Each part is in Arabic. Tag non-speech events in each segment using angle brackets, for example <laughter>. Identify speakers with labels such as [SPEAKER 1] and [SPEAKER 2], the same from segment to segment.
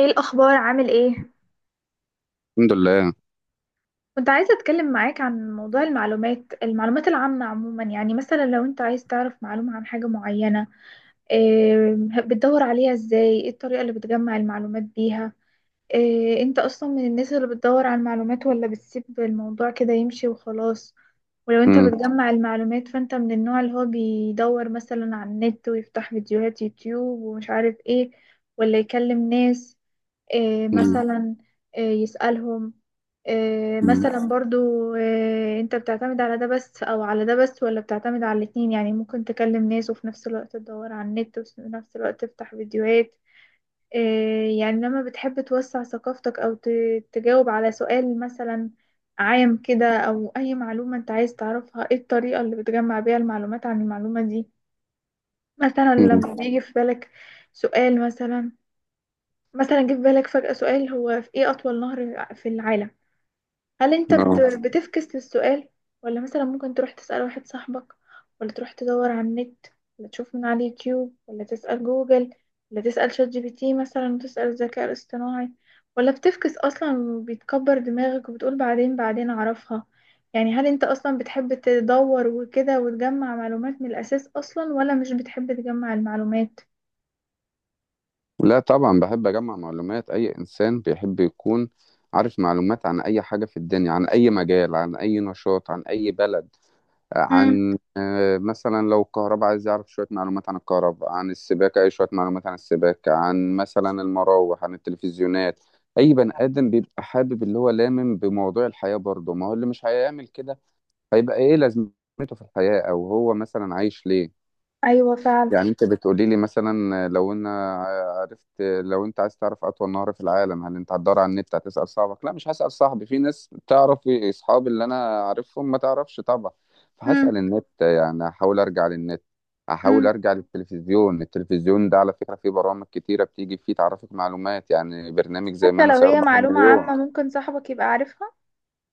[SPEAKER 1] ايه الاخبار؟ عامل ايه؟
[SPEAKER 2] الحمد لله.
[SPEAKER 1] كنت عايزه اتكلم معاك عن موضوع المعلومات العامه عموما، يعني مثلا لو انت عايز تعرف معلومه عن حاجه معينه. إيه؟ بتدور عليها ازاي؟ ايه الطريقه اللي بتجمع المعلومات بيها؟ إيه، انت اصلا من الناس اللي بتدور على المعلومات، ولا بتسيب الموضوع كده يمشي وخلاص؟ ولو انت
[SPEAKER 2] امم.
[SPEAKER 1] بتجمع المعلومات، فانت من النوع اللي هو بيدور مثلا على النت ويفتح فيديوهات يوتيوب ومش عارف ايه، ولا يكلم ناس؟ إيه
[SPEAKER 2] امم.
[SPEAKER 1] مثلا؟ إيه يسألهم؟ إيه
[SPEAKER 2] مم.
[SPEAKER 1] مثلا برضو؟ إيه، انت بتعتمد على ده بس او على ده بس، ولا بتعتمد على الاتنين؟ يعني ممكن تكلم ناس وفي نفس الوقت تدور على النت وفي نفس الوقت تفتح فيديوهات. يعني لما بتحب توسع ثقافتك أو تجاوب على سؤال مثلا عام كده، أو أي معلومة أنت عايز تعرفها، إيه الطريقة اللي بتجمع بيها المعلومات عن المعلومة دي؟ مثلا
[SPEAKER 2] امم.
[SPEAKER 1] لما بيجي في بالك سؤال مثلا. مثلا جه في بالك فجأة سؤال: هو في إيه أطول نهر في العالم؟ هل انت
[SPEAKER 2] امم. اه.
[SPEAKER 1] بتفكس للسؤال، ولا مثلا ممكن تروح تسأل واحد صاحبك، ولا تروح تدور على النت، ولا تشوف من على اليوتيوب، ولا تسأل جوجل، ولا تسأل شات جي بي تي مثلا وتسأل الذكاء الاصطناعي، ولا بتفكس اصلا وبيتكبر دماغك وبتقول بعدين بعدين اعرفها؟ يعني هل انت اصلا بتحب تدور وكده وتجمع معلومات من الاساس اصلا، ولا مش بتحب تجمع المعلومات؟
[SPEAKER 2] لا، طبعا بحب اجمع معلومات. اي انسان بيحب يكون عارف معلومات عن اي حاجه في الدنيا، عن اي مجال، عن اي نشاط، عن اي بلد،
[SPEAKER 1] امم.
[SPEAKER 2] عن مثلا لو الكهرباء عايز يعرف شويه معلومات عن الكهرباء، عن السباكه، اي شويه معلومات عن السباكه، عن مثلا المراوح، عن التلفزيونات. اي بني ادم بيبقى حابب اللي هو بموضوع الحياه برضه. ما هو اللي مش هيعمل كده هيبقى ايه لازمته في الحياه، او هو مثلا عايش ليه؟
[SPEAKER 1] ايوه فعلا.
[SPEAKER 2] يعني انت بتقولي لي مثلا لو انا عرفت، لو انت عايز تعرف اطول نهر في العالم، هل انت هتدور على النت؟ هتسأل صاحبك؟ لا، مش هسأل صاحبي، في ناس تعرف اصحابي اللي انا عارفهم ما تعرفش طبعا.
[SPEAKER 1] امم.
[SPEAKER 2] فهسأل النت، يعني احاول ارجع للنت، احاول
[SPEAKER 1] امم.
[SPEAKER 2] ارجع للتلفزيون. التلفزيون ده على فكرة فيه برامج كتيرة بتيجي فيه تعرفك معلومات، يعني برنامج زي
[SPEAKER 1] حتى
[SPEAKER 2] من
[SPEAKER 1] لو هي
[SPEAKER 2] سيربح
[SPEAKER 1] معلومة
[SPEAKER 2] المليون.
[SPEAKER 1] عامة ممكن صاحبك يبقى عارفها.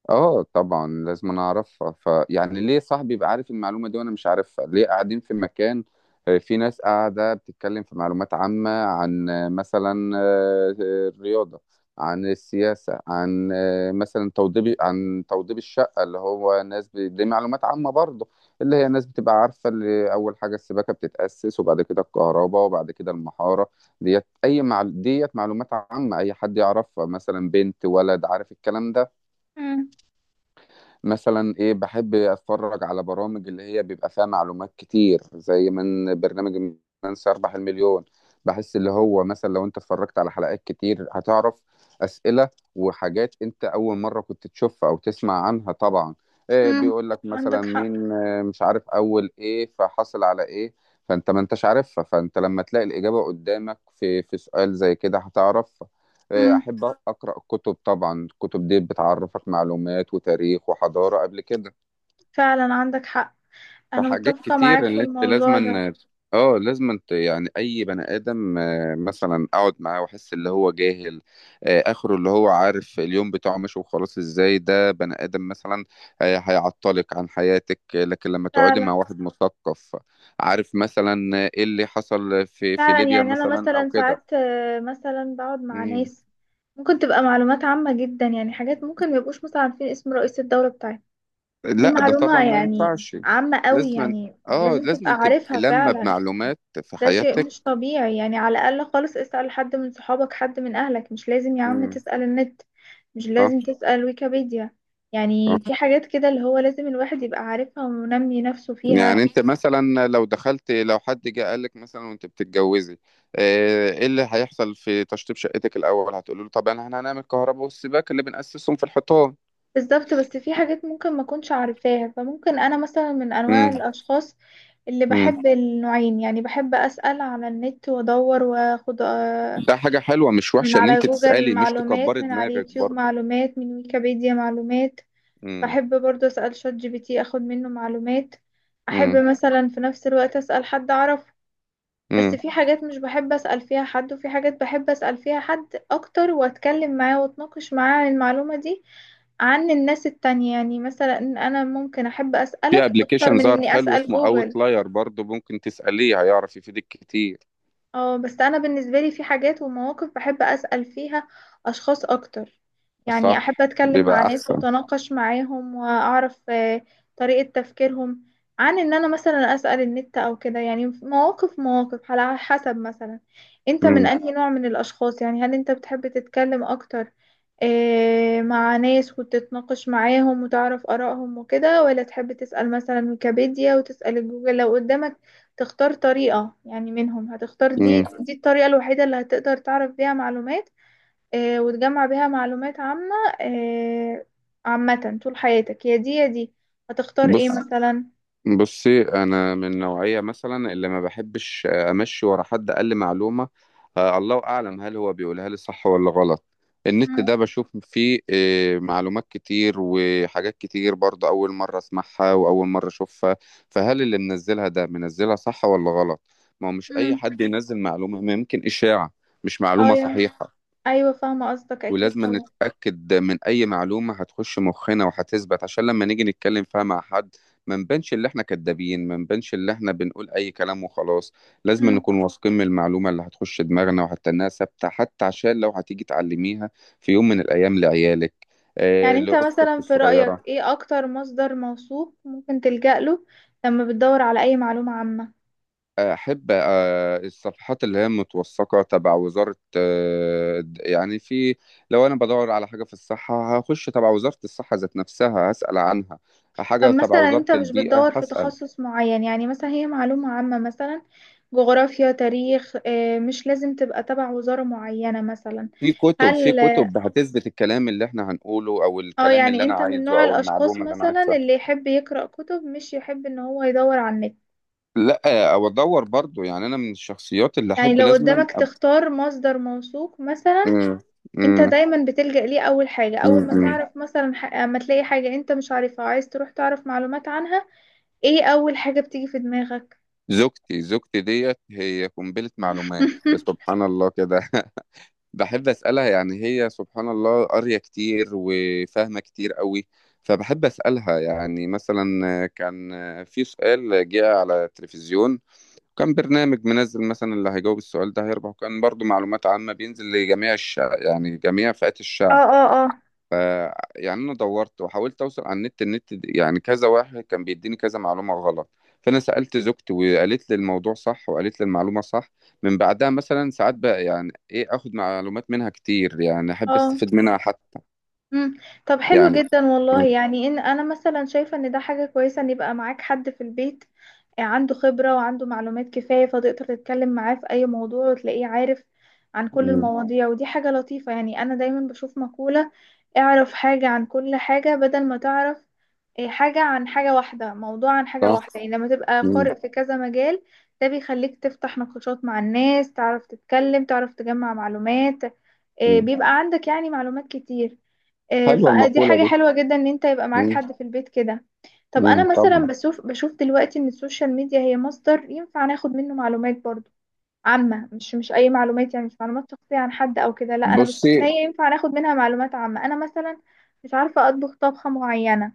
[SPEAKER 2] اه طبعا لازم انا اعرفها، فيعني ليه صاحبي يبقى عارف المعلومه دي وانا مش عارفها؟ ليه؟ قاعدين في مكان، في ناس قاعده بتتكلم في معلومات عامه عن آه، مثلا آه، آه، الرياضه، عن السياسه، عن مثلا توضيب، عن توضيب الشقه اللي هو ناس دي معلومات عامه برضه، اللي هي ناس بتبقى عارفه، اللي اول حاجه السباكه بتتاسس، وبعد كده الكهرباء، وبعد كده المحاره. ديت ديت معلومات عامه اي حد يعرفها، مثلا بنت، ولد، عارف الكلام ده.
[SPEAKER 1] مم.
[SPEAKER 2] مثلا ايه، بحب اتفرج على برامج اللي هي بيبقى فيها معلومات كتير، زي برنامج من سيربح المليون. بحس اللي هو مثلا لو انت اتفرجت على حلقات كتير هتعرف اسئله وحاجات انت اول مره كنت تشوفها او تسمع عنها طبعا. إيه،
[SPEAKER 1] امم.
[SPEAKER 2] بيقول لك مثلا
[SPEAKER 1] عندك حق.
[SPEAKER 2] مين مش عارف اول ايه، فحصل على ايه. فانت ما انتش عارفها، فانت لما تلاقي الاجابه قدامك في سؤال زي كده هتعرف.
[SPEAKER 1] امم.
[SPEAKER 2] أحب أقرأ الكتب. طبعا الكتب دي بتعرفك معلومات وتاريخ وحضارة قبل كده.
[SPEAKER 1] فعلا عندك حق. انا
[SPEAKER 2] فحاجات
[SPEAKER 1] متفقة معاك
[SPEAKER 2] كتير
[SPEAKER 1] في
[SPEAKER 2] اللي أنت
[SPEAKER 1] الموضوع ده.
[SPEAKER 2] لازما، اه لازما يعني أي بني آدم مثلا أقعد معاه وأحس اللي هو جاهل، آخره اللي هو عارف اليوم بتاعه ماشي وخلاص. إزاي ده بني آدم مثلا؟ هيعطلك عن حياتك. لكن لما تقعدي
[SPEAKER 1] فعلا.
[SPEAKER 2] مع واحد مثقف، عارف مثلا إيه اللي حصل في
[SPEAKER 1] فعلا،
[SPEAKER 2] ليبيا
[SPEAKER 1] يعني انا
[SPEAKER 2] مثلا أو
[SPEAKER 1] مثلا
[SPEAKER 2] كده.
[SPEAKER 1] ساعات، مثلا بقعد مع
[SPEAKER 2] مم.
[SPEAKER 1] ناس ممكن تبقى معلومات عامة جدا، يعني حاجات ممكن ما يبقوش مثلا عارفين اسم رئيس الدولة بتاعتنا. دي
[SPEAKER 2] لا، ده طبعا
[SPEAKER 1] معلومة
[SPEAKER 2] ما
[SPEAKER 1] يعني
[SPEAKER 2] ينفعش.
[SPEAKER 1] عامة قوي،
[SPEAKER 2] لازما،
[SPEAKER 1] يعني
[SPEAKER 2] اه،
[SPEAKER 1] لازم تبقى
[SPEAKER 2] لازما تبقى
[SPEAKER 1] عارفها
[SPEAKER 2] لما
[SPEAKER 1] فعلا.
[SPEAKER 2] بمعلومات في
[SPEAKER 1] ده شيء
[SPEAKER 2] حياتك.
[SPEAKER 1] مش طبيعي، يعني على الأقل خالص اسأل حد من صحابك، حد من أهلك. مش لازم يا عم
[SPEAKER 2] امم.
[SPEAKER 1] تسأل النت، مش لازم
[SPEAKER 2] صح.
[SPEAKER 1] تسأل ويكيبيديا. يعني في
[SPEAKER 2] صح.
[SPEAKER 1] حاجات كده اللي هو لازم الواحد يبقى عارفها ومنمي نفسه
[SPEAKER 2] يعني
[SPEAKER 1] فيها.
[SPEAKER 2] انت مثلا لو دخلت، لو حد جه قال لك مثلا وانت بتتجوزي ايه اللي هيحصل في تشطيب شقتك الاول، هتقولي له طبعا احنا هنعمل كهرباء، والسباك اللي بنأسسهم في الحيطان.
[SPEAKER 1] بالظبط، بس في حاجات ممكن ما كنتش عارفاها. فممكن أنا مثلا من أنواع
[SPEAKER 2] امم.
[SPEAKER 1] الأشخاص اللي
[SPEAKER 2] امم.
[SPEAKER 1] بحب النوعين، يعني بحب أسأل على النت وأدور وأخد
[SPEAKER 2] ده حاجة حلوة مش
[SPEAKER 1] من
[SPEAKER 2] وحشة ان
[SPEAKER 1] على
[SPEAKER 2] انت
[SPEAKER 1] جوجل
[SPEAKER 2] تسألي، مش
[SPEAKER 1] معلومات،
[SPEAKER 2] تكبري
[SPEAKER 1] من على
[SPEAKER 2] دماغك
[SPEAKER 1] اليوتيوب
[SPEAKER 2] برضه.
[SPEAKER 1] معلومات، من ويكيبيديا معلومات.
[SPEAKER 2] امم.
[SPEAKER 1] بحب برضه أسأل شات جي بي تي أخد منه معلومات. أحب
[SPEAKER 2] امم.
[SPEAKER 1] مثلا في نفس الوقت أسأل حد أعرفه. بس
[SPEAKER 2] امم.
[SPEAKER 1] في حاجات مش بحب أسأل فيها حد، وفي حاجات بحب أسأل فيها حد أكتر وأتكلم معاه وأتناقش معاه عن المعلومة دي، عن الناس التانية. يعني مثلا أنا ممكن أحب
[SPEAKER 2] في
[SPEAKER 1] أسألك أكتر
[SPEAKER 2] ابلكيشن
[SPEAKER 1] من
[SPEAKER 2] ظهر
[SPEAKER 1] إني
[SPEAKER 2] حلو
[SPEAKER 1] أسأل
[SPEAKER 2] اسمه
[SPEAKER 1] جوجل.
[SPEAKER 2] اوتلاير برضه، ممكن تسأليه، هيعرف يفيدك كتير.
[SPEAKER 1] اه، بس انا بالنسبه لي في حاجات ومواقف بحب اسال فيها اشخاص اكتر. يعني احب
[SPEAKER 2] صح
[SPEAKER 1] اتكلم مع
[SPEAKER 2] بيبقى
[SPEAKER 1] ناس
[SPEAKER 2] احسن.
[SPEAKER 1] واتناقش معاهم واعرف طريقه تفكيرهم، عن ان انا مثلا اسال النت او كده. يعني مواقف مواقف على حسب مثلا. انت من
[SPEAKER 2] مم.
[SPEAKER 1] انهي نوع من الاشخاص؟ يعني هل انت بتحب تتكلم اكتر مع ناس وتتناقش معاهم وتعرف آرائهم وكده، ولا تحب تسأل مثلا ويكيبيديا وتسأل جوجل لو قدامك؟ تختار طريقة يعني؟ منهم هتختار؟
[SPEAKER 2] مم.
[SPEAKER 1] دي الطريقة الوحيدة اللي هتقدر تعرف بيها معلومات وتجمع بيها معلومات عامة، آه، عامة طول حياتك، يا دي يا دي. هتختار ايه
[SPEAKER 2] بص
[SPEAKER 1] مثلا؟
[SPEAKER 2] بصي انا من نوعية مثلا اللي ما بحبش امشي ورا حد قال لي معلومة، الله اعلم هل هو بيقولها لي صح ولا غلط. النت
[SPEAKER 1] مم،
[SPEAKER 2] ده بشوف فيه معلومات كتير وحاجات كتير برضه اول مرة اسمعها واول مرة اشوفها، فهل اللي منزلها ده منزلها صح ولا غلط؟ ما هو مش اي
[SPEAKER 1] مم،
[SPEAKER 2] حد ينزل معلومة، ما يمكن اشاعة، مش معلومة
[SPEAKER 1] ايوه.
[SPEAKER 2] صحيحة.
[SPEAKER 1] ايوه فاهمة قصدك اكيد
[SPEAKER 2] ولازم
[SPEAKER 1] طبعا.
[SPEAKER 2] نتأكد من أي معلومة هتخش مخنا وهتثبت عشان لما نيجي نتكلم فيها مع حد، ما نبانش اللي احنا كدابين، ما نبانش اللي احنا بنقول أي كلام وخلاص. لازم
[SPEAKER 1] مم.
[SPEAKER 2] نكون واثقين من المعلومة اللي هتخش دماغنا، وحتى إنها ثابتة، حتى عشان لو هتيجي تعلميها في يوم من الأيام لعيالك، آه،
[SPEAKER 1] يعني انت
[SPEAKER 2] لأختك
[SPEAKER 1] مثلا في رأيك
[SPEAKER 2] الصغيرة.
[SPEAKER 1] ايه اكتر مصدر موثوق ممكن تلجأ له لما بتدور على اي معلومة عامة؟
[SPEAKER 2] احب الصفحات اللي هي متوثقه تبع وزاره، يعني في، لو انا بدور على حاجه في الصحه هخش تبع وزاره الصحه ذات نفسها هسال عنها.
[SPEAKER 1] طب
[SPEAKER 2] حاجه تبع
[SPEAKER 1] مثلا
[SPEAKER 2] وزاره
[SPEAKER 1] انت مش
[SPEAKER 2] البيئه
[SPEAKER 1] بتدور في
[SPEAKER 2] هسال.
[SPEAKER 1] تخصص معين، يعني مثلا هي معلومة عامة مثلا جغرافيا، تاريخ، مش لازم تبقى تبع وزارة معينة مثلا.
[SPEAKER 2] في كتب، في
[SPEAKER 1] هل
[SPEAKER 2] كتب هتثبت الكلام اللي احنا هنقوله او
[SPEAKER 1] اه
[SPEAKER 2] الكلام اللي
[SPEAKER 1] يعني
[SPEAKER 2] انا
[SPEAKER 1] انت من
[SPEAKER 2] عايزه
[SPEAKER 1] نوع
[SPEAKER 2] او
[SPEAKER 1] الاشخاص
[SPEAKER 2] المعلومه اللي انا
[SPEAKER 1] مثلا
[SPEAKER 2] عايزها.
[SPEAKER 1] اللي يحب يقرأ كتب، مش يحب ان هو يدور على النت؟
[SPEAKER 2] لا، او ادور برضو، يعني انا من الشخصيات اللي
[SPEAKER 1] يعني
[SPEAKER 2] احب
[SPEAKER 1] لو قدامك تختار مصدر موثوق مثلا،
[SPEAKER 2] مم.
[SPEAKER 1] انت
[SPEAKER 2] مم.
[SPEAKER 1] دايما بتلجأ ليه اول حاجة؟ اول
[SPEAKER 2] مم.
[SPEAKER 1] ما
[SPEAKER 2] مم.
[SPEAKER 1] تعرف مثلا اما تلاقي حاجة انت مش عارفها عايز تروح تعرف معلومات عنها، ايه اول حاجة بتيجي في دماغك؟
[SPEAKER 2] زوجتي ديت هي قنبله معلومات
[SPEAKER 1] <laughs>
[SPEAKER 2] سبحان الله كده. <laughs> بحب أسألها، يعني هي سبحان الله قارية كتير وفاهمة كتير قوي. فبحب أسألها يعني مثلا، كان في سؤال جه على التلفزيون، كان برنامج منزل مثلا اللي هيجاوب السؤال ده هيربح، وكان برضو معلومات عامة بينزل لجميع الشعب، يعني جميع فئات
[SPEAKER 1] اه،
[SPEAKER 2] الشعب.
[SPEAKER 1] اه، اه.
[SPEAKER 2] ف يعني انا دورت وحاولت اوصل على النت، يعني كذا واحد كان بيديني كذا معلومه غلط. فانا سالت زوجتي وقالت لي الموضوع صح وقالت لي المعلومه صح. من بعدها مثلا ساعات بقى يعني ايه اخد معلومات منها كتير، يعني احب
[SPEAKER 1] اه.
[SPEAKER 2] استفيد منها حتى،
[SPEAKER 1] مم. طب حلو
[SPEAKER 2] يعني.
[SPEAKER 1] جدا والله،
[SPEAKER 2] مم.
[SPEAKER 1] يعني ان انا مثلا شايفه ان ده حاجه كويسه ان يبقى معاك حد في البيت عنده خبره وعنده معلومات كفايه، فتقدر تتكلم معاه في اي موضوع وتلاقيه عارف عن كل
[SPEAKER 2] مم.
[SPEAKER 1] المواضيع. ودي حاجه لطيفه. يعني انا دايما بشوف مقوله: اعرف حاجه عن كل حاجه، بدل ما تعرف حاجه عن حاجه واحده، موضوع عن حاجه
[SPEAKER 2] صح.
[SPEAKER 1] واحده. يعني لما تبقى
[SPEAKER 2] مم.
[SPEAKER 1] قارئ في كذا مجال ده بيخليك تفتح نقاشات مع الناس، تعرف تتكلم، تعرف تجمع معلومات.
[SPEAKER 2] مم.
[SPEAKER 1] بيبقى عندك يعني معلومات كتير.
[SPEAKER 2] حلوه
[SPEAKER 1] فدي
[SPEAKER 2] المقوله
[SPEAKER 1] حاجة
[SPEAKER 2] دي.
[SPEAKER 1] حلوة جدا ان انت يبقى معاك
[SPEAKER 2] مم.
[SPEAKER 1] حد في البيت كده. طب انا
[SPEAKER 2] مم.
[SPEAKER 1] مثلا
[SPEAKER 2] طبعا.
[SPEAKER 1] بشوف دلوقتي ان السوشيال ميديا هي مصدر ينفع ناخد منه معلومات برضو عامة، مش اي معلومات. يعني مش معلومات شخصية عن حد او كده، لا، انا بشوف
[SPEAKER 2] بصي
[SPEAKER 1] ان هي ينفع ناخد منها معلومات عامة. انا مثلا مش عارفة اطبخ طبخة معينة،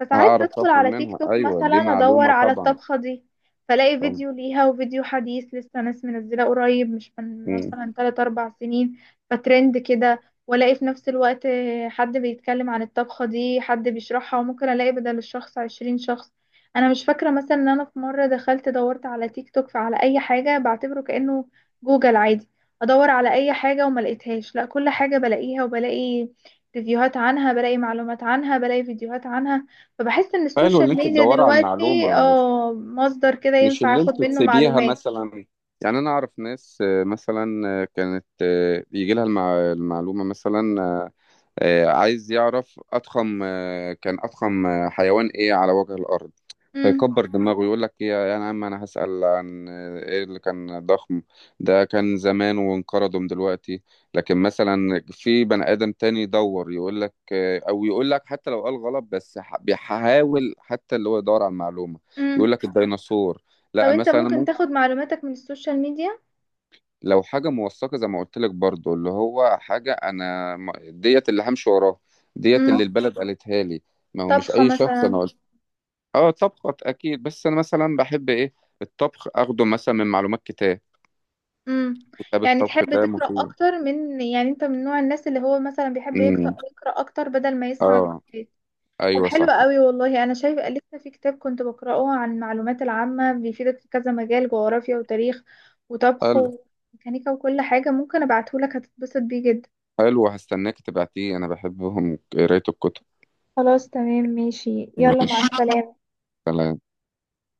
[SPEAKER 1] فساعات
[SPEAKER 2] هعرف
[SPEAKER 1] بدخل
[SPEAKER 2] اخد
[SPEAKER 1] على تيك
[SPEAKER 2] منها،
[SPEAKER 1] توك
[SPEAKER 2] ايوه
[SPEAKER 1] مثلا
[SPEAKER 2] دي
[SPEAKER 1] ادور
[SPEAKER 2] معلومه
[SPEAKER 1] على
[SPEAKER 2] طبعا.
[SPEAKER 1] الطبخة دي، فلاقي
[SPEAKER 2] طبعا.
[SPEAKER 1] فيديو ليها وفيديو حديث لسه ناس منزلة قريب، مش من
[SPEAKER 2] مم.
[SPEAKER 1] مثلا 3 4 سنين فترند كده. والاقي في نفس الوقت حد بيتكلم عن الطبخة دي، حد بيشرحها، وممكن الاقي بدل الشخص 20 شخص. انا مش فاكرة مثلا ان انا في مرة دخلت دورت على تيك توك فعلى اي حاجة، بعتبره كأنه جوجل عادي. ادور على اي حاجة وما لقيتهاش، لا كل حاجة بلاقيها وبلاقي ريفيوهات عنها، بلاقي معلومات عنها، بلاقي فيديوهات عنها. فبحس ان
[SPEAKER 2] حلو ان
[SPEAKER 1] السوشيال
[SPEAKER 2] انت
[SPEAKER 1] ميديا
[SPEAKER 2] تدوري على
[SPEAKER 1] دلوقتي
[SPEAKER 2] المعلومه، مش
[SPEAKER 1] اه مصدر كده
[SPEAKER 2] مش
[SPEAKER 1] ينفع
[SPEAKER 2] اللي
[SPEAKER 1] اخد
[SPEAKER 2] انتوا
[SPEAKER 1] منه
[SPEAKER 2] تسيبيها
[SPEAKER 1] معلومات.
[SPEAKER 2] مثلا. يعني انا اعرف ناس آه، مثلا آه، كانت آه، يجي لها المعلومه مثلا، عايز يعرف أضخم، كان أضخم حيوان إيه على وجه الأرض.
[SPEAKER 1] امم.
[SPEAKER 2] فيكبر دماغه يقول لك إيه يا عم، أنا هسأل عن إيه اللي كان ضخم؟ ده كان زمان وانقرضوا من دلوقتي. لكن مثلا في بني آدم تاني يدور يقول لك أو يقول لك حتى لو قال غلط، بس بيحاول حتى اللي هو يدور على المعلومة،
[SPEAKER 1] امم.
[SPEAKER 2] يقول لك الديناصور.
[SPEAKER 1] طب
[SPEAKER 2] لا،
[SPEAKER 1] انت
[SPEAKER 2] مثلا
[SPEAKER 1] ممكن تاخد معلوماتك من السوشيال ميديا؟
[SPEAKER 2] لو حاجة موثقة زي ما قلت لك برضو، اللي هو حاجة ديت اللي همشي وراها، ديت
[SPEAKER 1] امم.
[SPEAKER 2] اللي البلد قالتها لي. ما هو مش
[SPEAKER 1] طبخة
[SPEAKER 2] أي شخص،
[SPEAKER 1] مثلا.
[SPEAKER 2] أنا قلت. أه، طبخة أكيد، بس أنا مثلا بحب إيه، الطبخ أخده مثلا من معلومات كتاب.
[SPEAKER 1] امم.
[SPEAKER 2] كتاب
[SPEAKER 1] يعني
[SPEAKER 2] الطبخ
[SPEAKER 1] تحب
[SPEAKER 2] ده
[SPEAKER 1] تقرأ
[SPEAKER 2] مفيد.
[SPEAKER 1] اكتر من؟ يعني انت من نوع الناس اللي هو مثلا بيحب يقرأ
[SPEAKER 2] امم.
[SPEAKER 1] يقرأ اكتر بدل ما يسمع
[SPEAKER 2] أه.
[SPEAKER 1] فيديوهات؟ طب
[SPEAKER 2] أيوه
[SPEAKER 1] حلو
[SPEAKER 2] صح.
[SPEAKER 1] قوي والله. انا شايفه لسه في كتاب كنت بقرأه عن المعلومات العامة، بيفيدك في كذا مجال: جغرافيا، وتاريخ، وطبخ،
[SPEAKER 2] حلو.
[SPEAKER 1] وميكانيكا، وكل حاجة. ممكن ابعتهولك، هتتبسط بيه جدا.
[SPEAKER 2] حلو، هستناك تبعتيه، أنا بحبهم قراية الكتب.
[SPEAKER 1] خلاص تمام ماشي. يلا، مع
[SPEAKER 2] ماشي.
[SPEAKER 1] السلامة.
[SPEAKER 2] سلام.